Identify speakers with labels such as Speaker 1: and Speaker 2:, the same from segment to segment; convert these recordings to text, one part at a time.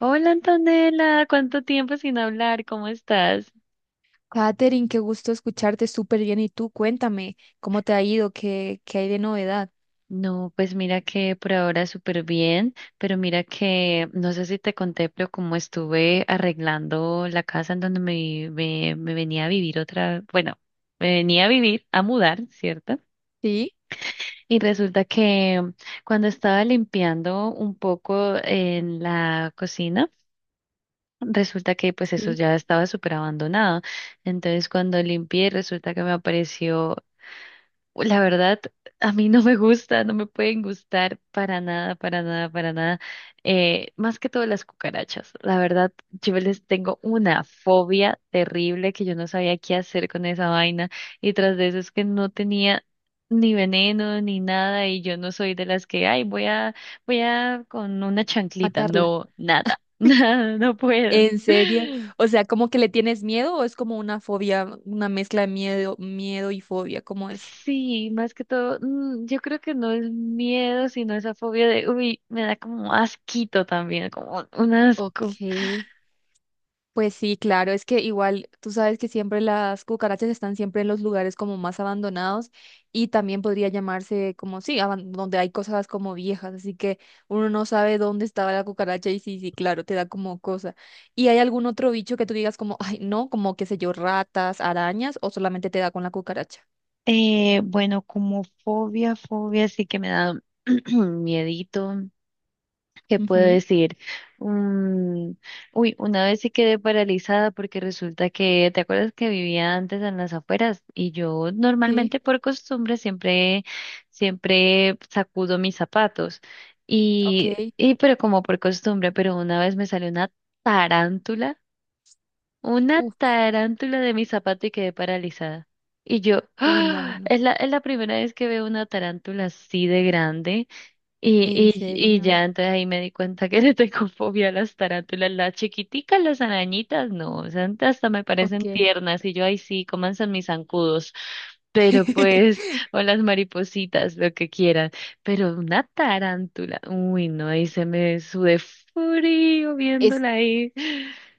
Speaker 1: Hola Antonella, ¿cuánto tiempo sin hablar? ¿Cómo estás?
Speaker 2: Katherine, qué gusto escucharte súper bien. Y tú, cuéntame, ¿cómo te ha ido? ¿¿Qué hay de novedad?
Speaker 1: No, pues mira que por ahora súper bien, pero mira que no sé si te conté, pero como estuve arreglando la casa en donde me venía a vivir otra, bueno, me venía a vivir, a mudar, ¿cierto?
Speaker 2: Sí,
Speaker 1: Y resulta que cuando estaba limpiando un poco en la cocina, resulta que pues eso
Speaker 2: sí,
Speaker 1: ya estaba súper abandonado. Entonces cuando limpié, resulta que me apareció. La verdad, a mí no me gusta, no me pueden gustar para nada, para nada, para nada. Más que todo las cucarachas. La verdad, yo les tengo una fobia terrible que yo no sabía qué hacer con esa vaina. Y tras de eso es que no tenía ni veneno ni nada y yo no soy de las que, ay, voy a, voy a con una chanclita.
Speaker 2: matarla.
Speaker 1: No, nada, nada, no puedo.
Speaker 2: ¿En serio? O sea, ¿como que le tienes miedo o es como una fobia, una mezcla de miedo y fobia? ¿Cómo es?
Speaker 1: Sí, más que todo, yo creo que no es miedo, sino esa fobia de, uy, me da como asquito también, como un asco.
Speaker 2: Ok. Pues sí, claro, es que igual tú sabes que siempre las cucarachas están siempre en los lugares como más abandonados y también podría llamarse como sí, donde hay cosas como viejas, así que uno no sabe dónde estaba la cucaracha y sí, sí, claro, te da como cosa. ¿Y hay algún otro bicho que tú digas como, ay, no, como qué sé yo, ratas, arañas o solamente te da con la cucaracha?
Speaker 1: Bueno, como fobia, fobia sí que me da miedito. ¿Qué puedo
Speaker 2: Ujú.
Speaker 1: decir? Mm, uy, una vez sí quedé paralizada porque resulta que, ¿te acuerdas que vivía antes en las afueras? Y yo
Speaker 2: Sí,
Speaker 1: normalmente por costumbre siempre, siempre sacudo mis zapatos. Y,
Speaker 2: ok.
Speaker 1: y pero como por costumbre, pero una vez me salió tarántula, una
Speaker 2: Uf,
Speaker 1: tarántula de mi zapato y quedé paralizada. Y yo,
Speaker 2: uy, no, no,
Speaker 1: ¡ah!
Speaker 2: no.
Speaker 1: Es la primera vez que veo una tarántula así de grande. Y,
Speaker 2: ¿En
Speaker 1: y, y
Speaker 2: serio?
Speaker 1: ya, entonces ahí me di cuenta que le tengo fobia a las tarántulas, las chiquiticas, las arañitas, no, o sea, hasta me parecen
Speaker 2: Ok.
Speaker 1: tiernas y yo ahí sí, comanse mis zancudos, pero pues, o las maripositas, lo que quieran, pero una tarántula, uy, no, ahí se me sudé frío
Speaker 2: Es.
Speaker 1: viéndola ahí.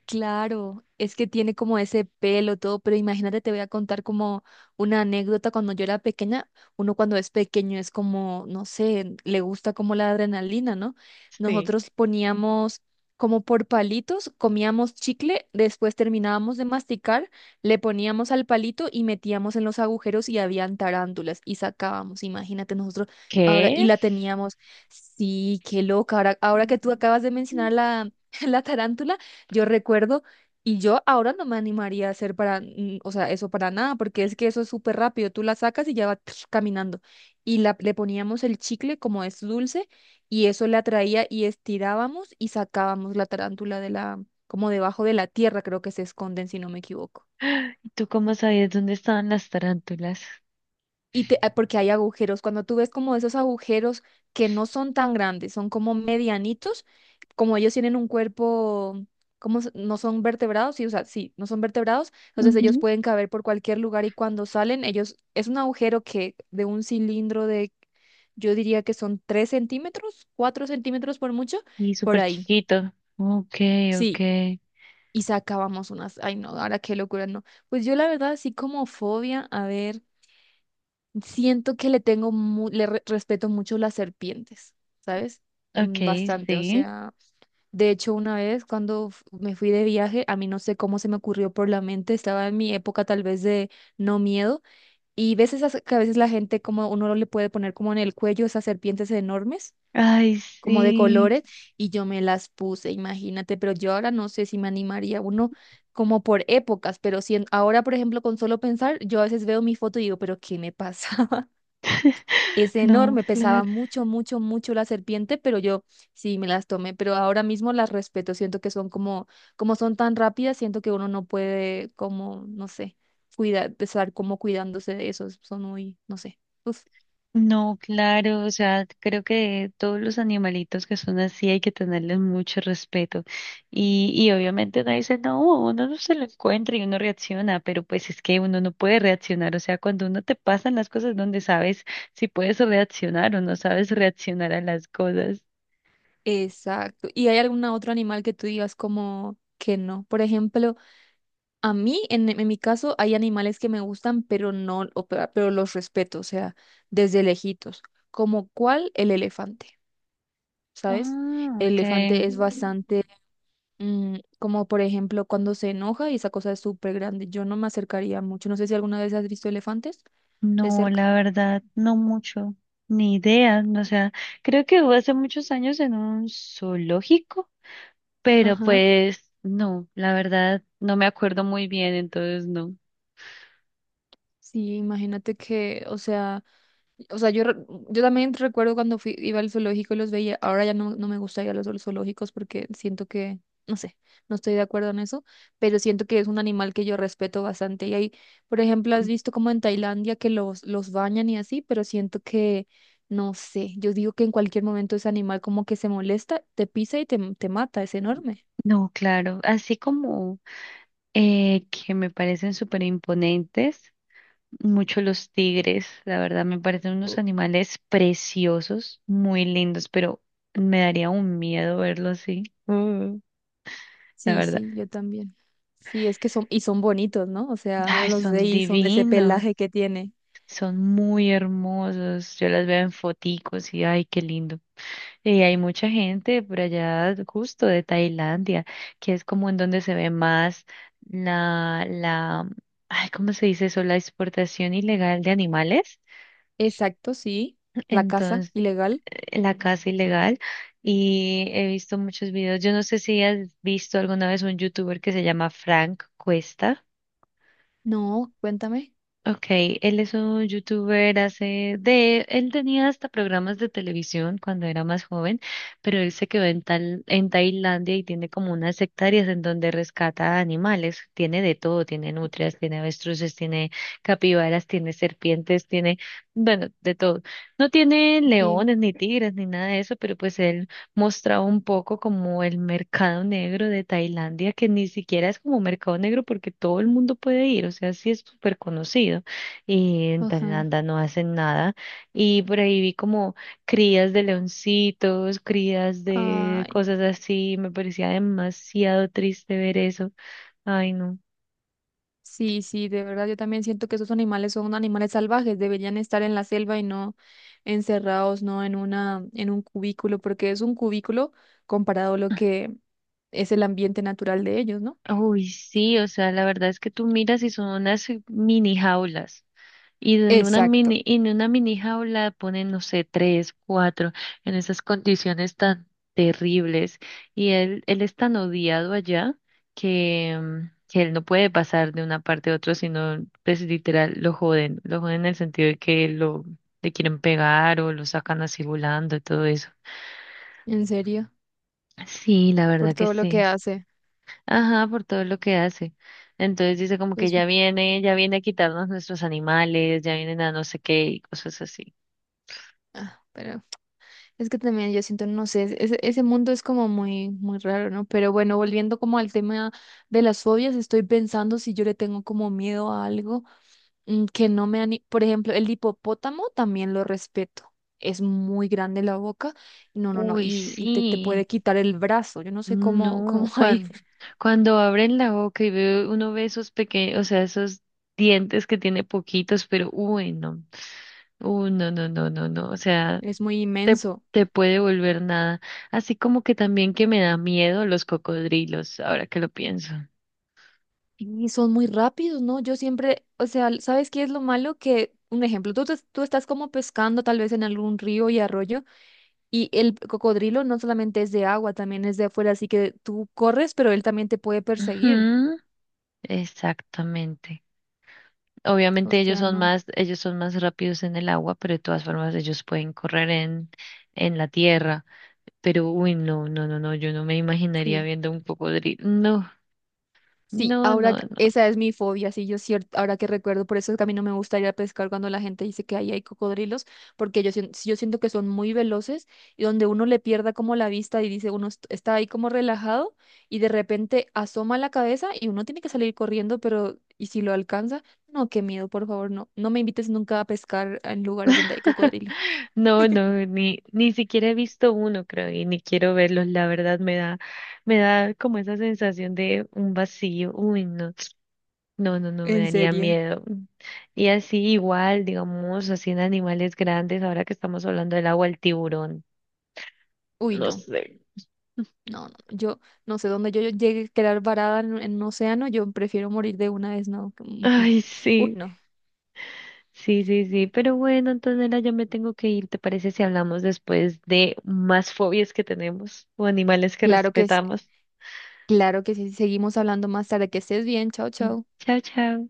Speaker 2: Claro, es que tiene como ese pelo todo, pero imagínate, te voy a contar como una anécdota cuando yo era pequeña, uno cuando es pequeño es como, no sé, le gusta como la adrenalina, ¿no?
Speaker 1: Sí,
Speaker 2: Nosotros poníamos como por palitos, comíamos chicle, después terminábamos de masticar, le poníamos al palito y metíamos en los agujeros y habían tarántulas y sacábamos, imagínate nosotros ahora, y
Speaker 1: ¿qué?
Speaker 2: la teníamos, sí, qué loca, ahora que tú acabas de mencionar la, la tarántula. Yo recuerdo y yo ahora no me animaría a hacer para, o sea, eso para nada, porque es que eso es súper rápido. Tú la sacas y ya va caminando. Y la, le poníamos el chicle como es dulce y eso le atraía y estirábamos y sacábamos la tarántula de la, como debajo de la tierra, creo que se esconden si no me equivoco.
Speaker 1: ¿Y tú cómo sabías dónde estaban las tarántulas?
Speaker 2: Y ah, porque hay agujeros. Cuando tú ves como esos agujeros que no son tan grandes, son como medianitos, como ellos tienen un cuerpo, como no son vertebrados, sí, o sea, sí, no son vertebrados, entonces ellos pueden caber por cualquier lugar y cuando salen, ellos, es un agujero que de un cilindro de, yo diría que son 3 centímetros, 4 centímetros por mucho,
Speaker 1: Y
Speaker 2: por
Speaker 1: súper
Speaker 2: ahí.
Speaker 1: chiquito. Ok, ok.
Speaker 2: Sí. Y sacábamos unas, ay no, ahora qué locura, no. Pues yo la verdad, así como fobia, a ver. Siento que le tengo, respeto mucho las serpientes, ¿sabes?
Speaker 1: Ok,
Speaker 2: Bastante, o
Speaker 1: sí.
Speaker 2: sea, de hecho una vez cuando me fui de viaje, a mí no sé cómo se me ocurrió por la mente, estaba en mi época tal vez de no miedo, y ves esas que a veces la gente como uno le puede poner como en el cuello esas serpientes enormes,
Speaker 1: Ay,
Speaker 2: como de
Speaker 1: sí.
Speaker 2: colores, y yo me las puse, imagínate, pero yo ahora no sé si me animaría uno como por épocas, pero si ahora, por ejemplo, con solo pensar, yo a veces veo mi foto y digo, pero ¿qué me pasa? Es
Speaker 1: No,
Speaker 2: enorme, pesaba
Speaker 1: claro.
Speaker 2: mucho, mucho, mucho la serpiente, pero yo sí me las tomé, pero ahora mismo las respeto, siento que son como, como son tan rápidas, siento que uno no puede como, no sé, cuidar, estar como cuidándose de esos, son muy, no sé. Uf.
Speaker 1: No, claro. O sea, creo que todos los animalitos que son así hay que tenerles mucho respeto. Y obviamente uno dice, no, uno no se lo encuentra y uno reacciona, pero pues es que uno no puede reaccionar. O sea, cuando uno te pasan las cosas donde sabes si puedes reaccionar o no sabes reaccionar a las cosas.
Speaker 2: Exacto. ¿Y hay algún otro animal que tú digas como que no? Por ejemplo, a mí, en mi caso, hay animales que me gustan, pero no, o pero los respeto, o sea, desde lejitos, como cuál el elefante. ¿Sabes?
Speaker 1: Ah,
Speaker 2: El
Speaker 1: ok.
Speaker 2: elefante es bastante, como por ejemplo cuando se enoja y esa cosa es súper grande. Yo no me acercaría mucho. No sé si alguna vez has visto elefantes de
Speaker 1: No,
Speaker 2: cerca.
Speaker 1: la verdad, no mucho, ni idea. No, o sea, creo que hubo hace muchos años en un zoológico, pero
Speaker 2: Ajá.
Speaker 1: pues no, la verdad, no me acuerdo muy bien, entonces no.
Speaker 2: Sí, imagínate que, o sea... O sea, yo también recuerdo cuando fui, iba al zoológico y los veía. Ahora ya no, no me gusta ir a los zoológicos porque siento que, no sé, no estoy de acuerdo en eso, pero siento que es un animal que yo respeto bastante. Y ahí, por ejemplo, has visto como en Tailandia que los bañan y así, pero siento que, no sé, yo digo que en cualquier momento ese animal como que se molesta, te pisa y te mata, es enorme.
Speaker 1: No, claro, así como que me parecen súper imponentes, mucho los tigres, la verdad, me parecen unos
Speaker 2: Oh.
Speaker 1: animales preciosos, muy lindos, pero me daría un miedo verlos así, la
Speaker 2: Sí,
Speaker 1: verdad.
Speaker 2: sí, yo también. Sí, es que son, y son bonitos, ¿no? O sea, uno
Speaker 1: Ay,
Speaker 2: los
Speaker 1: son
Speaker 2: ve y son ese
Speaker 1: divinos.
Speaker 2: pelaje que tiene.
Speaker 1: Son muy hermosos. Yo las veo en foticos y ay, qué lindo. Y hay mucha gente por allá, justo de Tailandia, que es como en donde se ve más la, ay, ¿cómo se dice eso? La exportación ilegal de animales.
Speaker 2: Exacto, sí. La casa
Speaker 1: Entonces,
Speaker 2: ilegal.
Speaker 1: la caza ilegal. Y he visto muchos videos. Yo no sé si has visto alguna vez un youtuber que se llama Frank Cuesta.
Speaker 2: No, cuéntame.
Speaker 1: Ok, él es un youtuber hace de, él tenía hasta programas de televisión cuando era más joven, pero él se quedó en tal, en Tailandia y tiene como unas hectáreas en donde rescata animales, tiene de todo, tiene nutrias, tiene avestruces, tiene capibaras, tiene serpientes, tiene, bueno, de todo. No tiene
Speaker 2: Ok.
Speaker 1: leones, ni tigres, ni nada de eso, pero pues él mostraba un poco como el mercado negro de Tailandia, que ni siquiera es como mercado negro porque todo el mundo puede ir, o sea, sí es súper conocido y en
Speaker 2: Ajá.
Speaker 1: Tailandia no hacen nada. Y por ahí vi como crías de leoncitos, crías de
Speaker 2: Ay,
Speaker 1: cosas así, me parecía demasiado triste ver eso. Ay, no.
Speaker 2: sí, sí, de verdad yo también siento que esos animales son animales salvajes, deberían estar en la selva y no encerrados, no en una, en un cubículo, porque es un cubículo comparado a lo que es el ambiente natural de ellos, ¿no?
Speaker 1: Uy, sí, o sea, la verdad es que tú miras y son unas mini jaulas. Y
Speaker 2: Exacto.
Speaker 1: en una mini jaula ponen, no sé, tres, cuatro, en esas condiciones tan terribles. Y él es tan odiado allá que, que él no puede pasar de una parte a otra, sino, pues literal, lo joden. Lo joden en el sentido de que lo, le quieren pegar o lo sacan así volando y todo eso.
Speaker 2: En serio,
Speaker 1: Sí, la
Speaker 2: por
Speaker 1: verdad que
Speaker 2: todo lo
Speaker 1: sí.
Speaker 2: que hace.
Speaker 1: Ajá, por todo lo que hace. Entonces dice como que
Speaker 2: Pues,
Speaker 1: ya viene a quitarnos nuestros animales, ya vienen a no sé qué y cosas así.
Speaker 2: ah, pero. Es que también yo siento, no sé, ese mundo es como muy, muy raro, ¿no? Pero bueno, volviendo como al tema de las fobias, estoy pensando si yo le tengo como miedo a algo que no me ani... Por ejemplo, el hipopótamo también lo respeto. Es muy grande la boca. No, no, no.
Speaker 1: Uy,
Speaker 2: Y te, te
Speaker 1: sí,
Speaker 2: puede quitar el brazo. Yo no sé cómo, cómo
Speaker 1: no,
Speaker 2: ahí
Speaker 1: cuando, cuando abren la boca y ve, uno ve esos pequeños, o sea, esos dientes que tiene poquitos, pero uy, no, no, no, no, no, o sea,
Speaker 2: es muy
Speaker 1: te,
Speaker 2: inmenso.
Speaker 1: te puede volver nada. Así como que también que me da miedo los cocodrilos, ahora que lo pienso.
Speaker 2: Y son muy rápidos, ¿no? Yo siempre, o sea, ¿sabes qué es lo malo? Que, un ejemplo, tú, tú estás como pescando tal vez en algún río y arroyo. Y el cocodrilo no solamente es de agua, también es de afuera, así que tú corres, pero él también te puede perseguir.
Speaker 1: Ujú, exactamente.
Speaker 2: O
Speaker 1: Obviamente
Speaker 2: sea, no.
Speaker 1: ellos son más rápidos en el agua, pero de todas formas ellos pueden correr en la tierra. Pero, uy, no, no, no, no, yo no me imaginaría
Speaker 2: Sí,
Speaker 1: viendo un cocodrilo. No,
Speaker 2: sí,
Speaker 1: no,
Speaker 2: ahora
Speaker 1: no, no.
Speaker 2: esa es mi fobia, sí, yo cierto, ahora que recuerdo, por eso es que a mí no me gusta ir a pescar cuando la gente dice que ahí hay cocodrilos, porque yo, yo siento que son muy veloces y donde uno le pierda como la vista y dice, uno está ahí como relajado y de repente asoma la cabeza y uno tiene que salir corriendo, pero ¿y si lo alcanza? No, qué miedo, por favor, no, no me invites nunca a pescar en lugares donde hay cocodrilos.
Speaker 1: No, no, ni siquiera he visto uno, creo, y ni quiero verlos. La verdad me da como esa sensación de un vacío. Uy, no, no, no, no, me
Speaker 2: En
Speaker 1: daría
Speaker 2: serio.
Speaker 1: miedo. Y así igual, digamos, así en animales grandes, ahora que estamos hablando del agua, el tiburón.
Speaker 2: Uy,
Speaker 1: No
Speaker 2: no,
Speaker 1: sé.
Speaker 2: no, no. Yo no sé dónde yo llegue a quedar varada en un océano. Yo prefiero morir de una vez, no. que- mm, mm.
Speaker 1: Ay,
Speaker 2: Uy,
Speaker 1: sí,
Speaker 2: no.
Speaker 1: sí, sí, sí. Pero bueno, Antonella, ya me tengo que ir. ¿Te parece si hablamos después de más fobias que tenemos o animales que
Speaker 2: Claro que,
Speaker 1: respetamos?
Speaker 2: claro que sí. Seguimos hablando más tarde. Que estés bien. Chao,
Speaker 1: Mm,
Speaker 2: chao.
Speaker 1: chao, chao.